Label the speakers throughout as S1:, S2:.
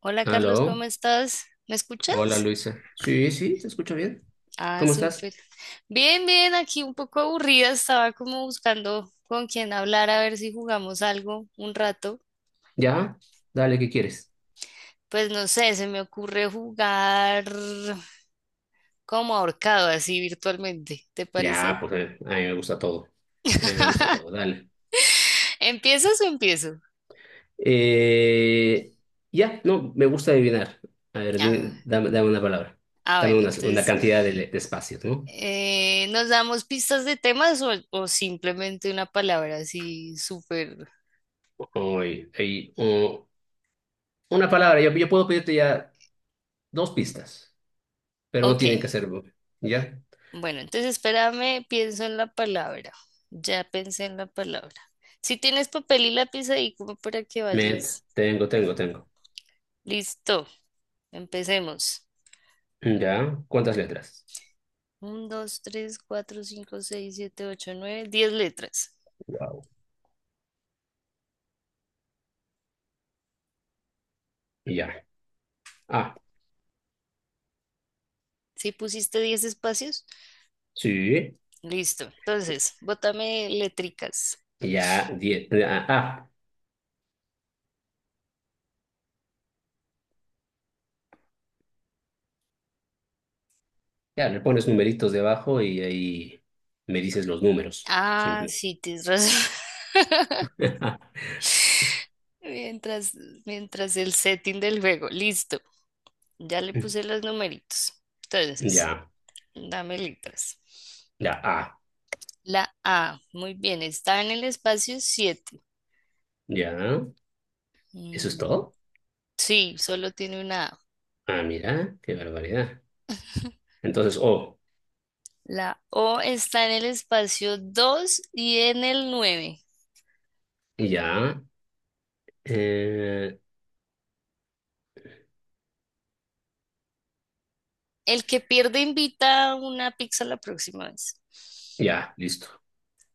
S1: Hola Carlos, ¿cómo
S2: Aló,
S1: estás? ¿Me
S2: hola
S1: escuchas?
S2: Luisa. Sí, sí, te escucho bien.
S1: Ah,
S2: ¿Cómo estás?
S1: súper. Bien, bien, aquí un poco aburrida, estaba como buscando con quién hablar a ver si jugamos algo un rato.
S2: ¿Ya? Dale, ¿qué quieres?
S1: Pues no sé, se me ocurre jugar como ahorcado, así virtualmente, ¿te parece?
S2: Ya, pues a mí me gusta todo. A mí me gusta todo, dale.
S1: ¿Empiezas o empiezo?
S2: Eh, ya, no, me gusta adivinar. A ver,
S1: Ah,
S2: dame una palabra.
S1: ah,
S2: Dame
S1: bueno,
S2: una
S1: entonces,
S2: cantidad de espacios, ¿no?
S1: ¿nos damos pistas de temas o simplemente una palabra así súper?
S2: Hoy, ahí, o- una palabra, yo puedo pedirte ya dos pistas, pero no
S1: Ok,
S2: tienen que ser, ¿ya?
S1: bueno, entonces espérame, pienso en la palabra. Ya pensé en la palabra. Si tienes papel y lápiz ahí, como para que
S2: Met,
S1: vayas.
S2: tengo.
S1: Listo, empecemos.
S2: ¿Ya? ¿Cuántas letras?
S1: Uno, dos, tres, cuatro, cinco, seis, siete, ocho, nueve, diez letras.
S2: Wow. Ya. Ah,
S1: ¿Si pusiste diez espacios?
S2: sí.
S1: Listo. Entonces, bótame letricas.
S2: Ya, 10 ya le pones numeritos debajo y ahí me dices los números,
S1: Ah,
S2: simple.
S1: sí, tienes razón. Mientras, mientras el setting del juego. Listo. Ya le puse los numeritos. Entonces,
S2: Ya,
S1: dame letras.
S2: ya,
S1: La A, muy bien, está en el espacio 7.
S2: ya, ¿eso es todo?
S1: Sí, solo tiene una A.
S2: Ah, mira, qué barbaridad. Entonces,
S1: La O está en el espacio 2 y en el nueve.
S2: ya, eh,
S1: El que pierde invita una pizza la próxima vez.
S2: ya, listo.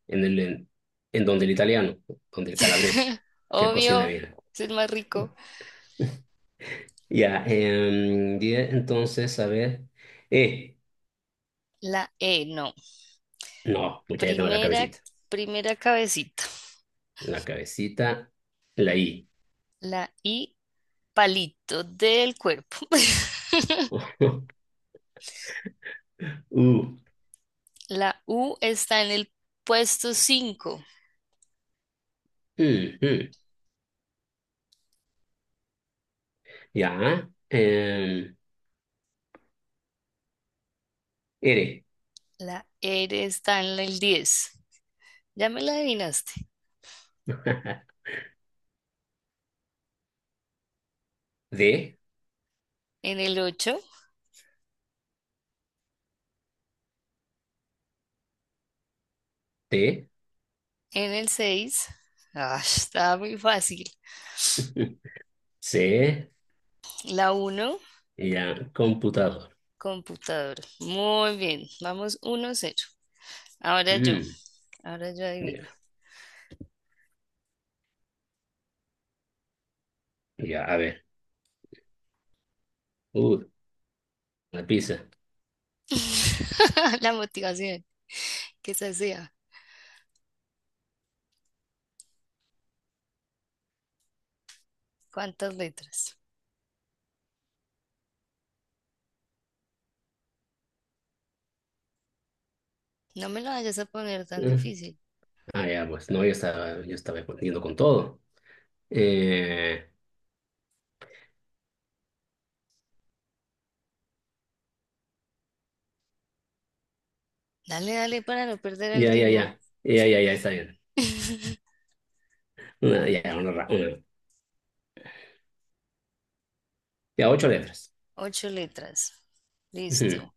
S2: En el, en, en donde el italiano, donde el calabrés, que cocina
S1: Obvio,
S2: bien.
S1: es el más rico.
S2: Ya, entonces, a ver, eh
S1: La E, no.
S2: no, mucha ya tengo la
S1: Primera,
S2: cabecita.
S1: primera cabecita.
S2: La cabecita, la I.
S1: La I, palito del cuerpo.
S2: U. Mm,
S1: La U está en el puesto 5.
S2: mm. Ya. R.
S1: La R está en el 10. Ya me la adivinaste.
S2: D.
S1: En el ocho,
S2: T.
S1: en el seis. Ah, estaba muy fácil.
S2: C.
S1: La uno.
S2: Ya. Computador.
S1: Computador. Muy bien. Vamos uno cero. Ahora yo.
S2: Mm,
S1: Ahora yo
S2: ya.
S1: adivino.
S2: Ya, a ver. Uh, la pizza.
S1: La motivación. Que se sea. ¿Cuántas letras? No me lo vayas a poner tan
S2: Eh,
S1: difícil.
S2: Ya, pues no, yo estaba respondiendo con todo. Eh,
S1: Dale, dale para no perder el
S2: ya, ya,
S1: ritmo.
S2: ya. Ya, ya, ya, está bien. Una. Ya, ocho letras.
S1: Ocho letras.
S2: Ujú.
S1: Listo.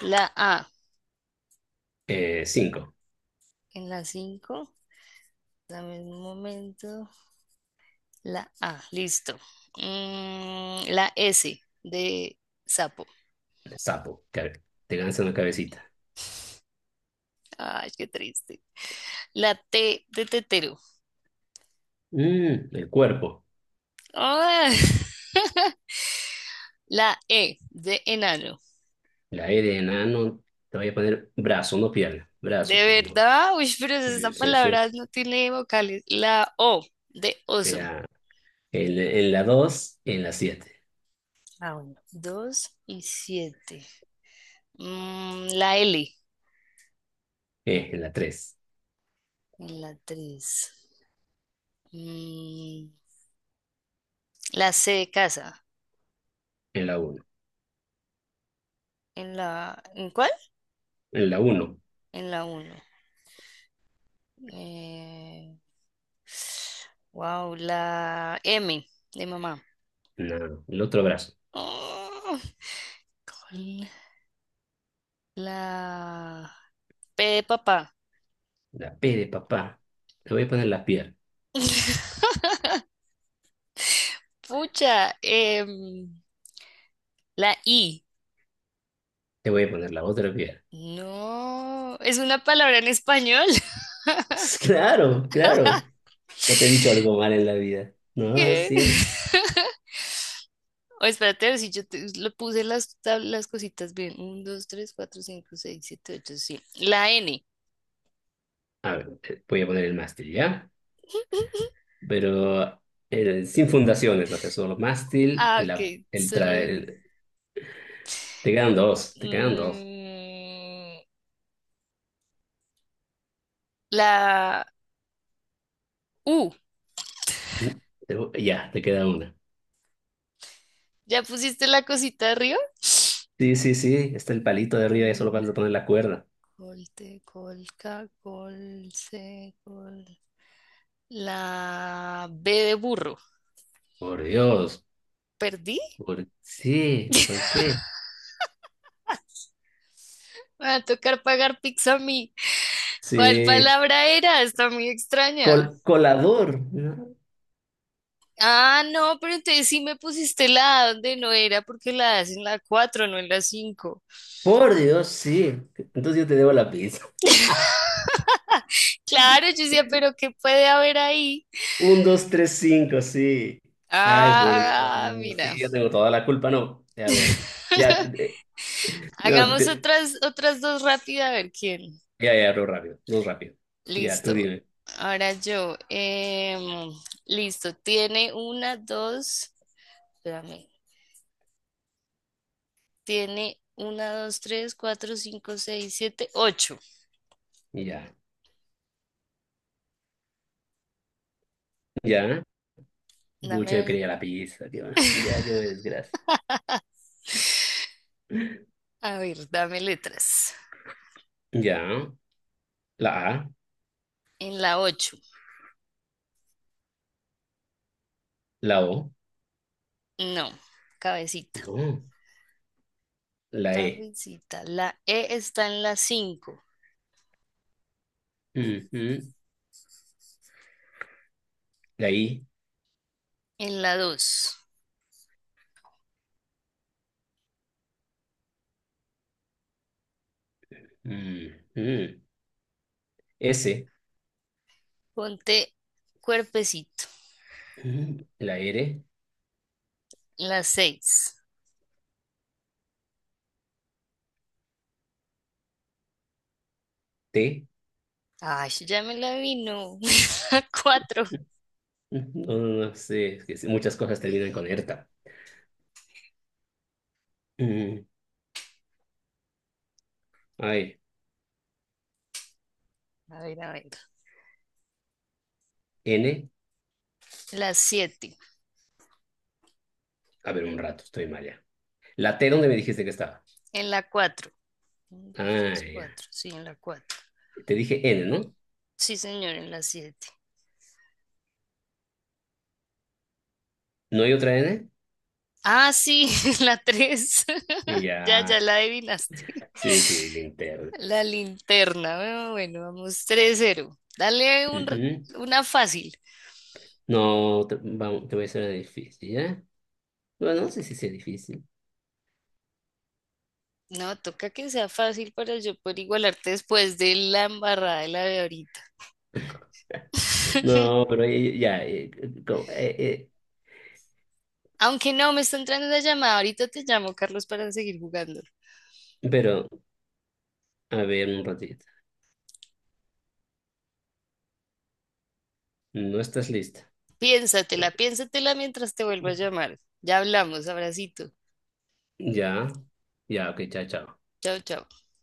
S1: La A
S2: Cinco.
S1: en la cinco. Dame un momento. La A, listo. Mm, la S de sapo.
S2: Sapo. Te lanza una cabecita.
S1: Ay, qué triste. La T de tetero.
S2: El cuerpo.
S1: Ay. La E de enano.
S2: La E de enano, te voy a poner brazo, no pierna,
S1: De
S2: brazo por el momento.
S1: verdad, uy, pero esa
S2: Sí, sí, sí.
S1: palabra no tiene vocales. La O de oso.
S2: Ya. En la 2, en la siete,
S1: Ah, bueno. Dos y siete. Mm, la L
S2: en la tres,
S1: en la tres. Mm, la C de casa.
S2: en la uno,
S1: ¿En la, en cuál?
S2: en la uno,
S1: En la uno. Eh, Wow, la M de mamá.
S2: no, el otro brazo,
S1: Oh, con la P de papá.
S2: la P de papá, te voy a poner la pierna,
S1: Pucha, la I.
S2: te voy a poner la otra pierna.
S1: No, es una palabra en español.
S2: Claro, claro, no te he dicho algo mal en la vida. No,
S1: ¿Qué?
S2: sí.
S1: O espérate, a ver si yo te- le puse las, tab- las cositas bien. Uno, 2, 3, 4, 5, 6, 7, 8. Sí. La N.
S2: A ver, voy a poner el mástil, ¿ya? Pero sin fundaciones, va a ser solo mástil,
S1: Ah, ok.
S2: el,
S1: Solo
S2: tra-
S1: el...
S2: el- te quedan dos.
S1: Mm, la U.
S2: Ujú. Ya, te queda una.
S1: ¿Ya pusiste la cosita arriba?
S2: Sí, sí, sí, está el palito de arriba y solo
S1: Col,
S2: vas a poner la cuerda.
S1: colte, colca, colce, col. La B de burro.
S2: Por Dios.
S1: ¿Perdí?
S2: ¿Por sí? ¿Por qué?
S1: Me va a tocar pagar pizza a mí. ¿Cuál
S2: Sí,
S1: palabra era? Está muy extraña.
S2: Colador, ¿no?
S1: Ah, no, pero entonces sí me pusiste la A donde no era, porque la A es en la 4, no en la cinco.
S2: Por Dios, sí. Entonces yo te debo la pizza.
S1: Claro, yo decía, pero ¿qué puede haber ahí?
S2: Un, dos, tres, cinco, sí. Ay, por
S1: Ah,
S2: Dios.
S1: mira.
S2: Sí, yo tengo toda la culpa, no. A ver, ya, eh, no,
S1: Hagamos otras, otras dos rápidas a ver quién.
S2: ya, ya, no rápido, no rápido. Ya, tú
S1: Listo.
S2: dime.
S1: Ahora yo. Listo. Tiene una, dos. Espérame. Tiene una, dos, tres, cuatro, cinco, seis, siete, ocho.
S2: Ya, ya. Bucha, yo
S1: Dame.
S2: quería la pizza, tío. Ya, qué desgracia.
S1: A ver, dame letras.
S2: Ya. La A,
S1: En la ocho.
S2: la O,
S1: No. Cabecita.
S2: no, la E,
S1: Cabecita. La E está en la cinco.
S2: ujú, la I,
S1: En la dos.
S2: ujú, S,
S1: Ponte cuerpecito.
S2: ujú, la R,
S1: En la seis.
S2: T,
S1: Ay, ya me la vino. Cuatro.
S2: ujú, no, no, no sé, es que sí, muchas cosas terminan con ERTA. Ujú, ay,
S1: A ver, a ver.
S2: N,
S1: La 7.
S2: a ver, un rato, estoy mal ya. La T, ¿dónde me dijiste que estaba?
S1: En la cuatro. Uno, dos,
S2: Ah,
S1: tres,
S2: ya.
S1: cuatro. Sí, en la 4.
S2: Te dije N, ¿no?
S1: Sí, señor, en la siete.
S2: ¿No hay otra N?
S1: Ah, sí, en la 3. Ya, ya
S2: Ya,
S1: la adivinaste.
S2: sí, sí, linterna.
S1: La linterna. Bueno, bueno, vamos tres cero. Dale un r-
S2: Ujú.
S1: una fácil.
S2: No, vamos, te voy a hacer una difícil, ¿ya? Bueno, no sé si sea difícil.
S1: No, toca que sea fácil para yo poder igualarte después de la embarrada de la de ahorita.
S2: No, pero ya, co- eh, eh,
S1: Aunque no, me está entrando la llamada. Ahorita te llamo, Carlos, para seguir jugando.
S2: pero a ver un ratito. No estás lista.
S1: Piénsatela, piénsatela mientras te vuelvo a llamar. Ya hablamos, abracito.
S2: Ya, ya, ok, chao, chao.
S1: Chao, chao.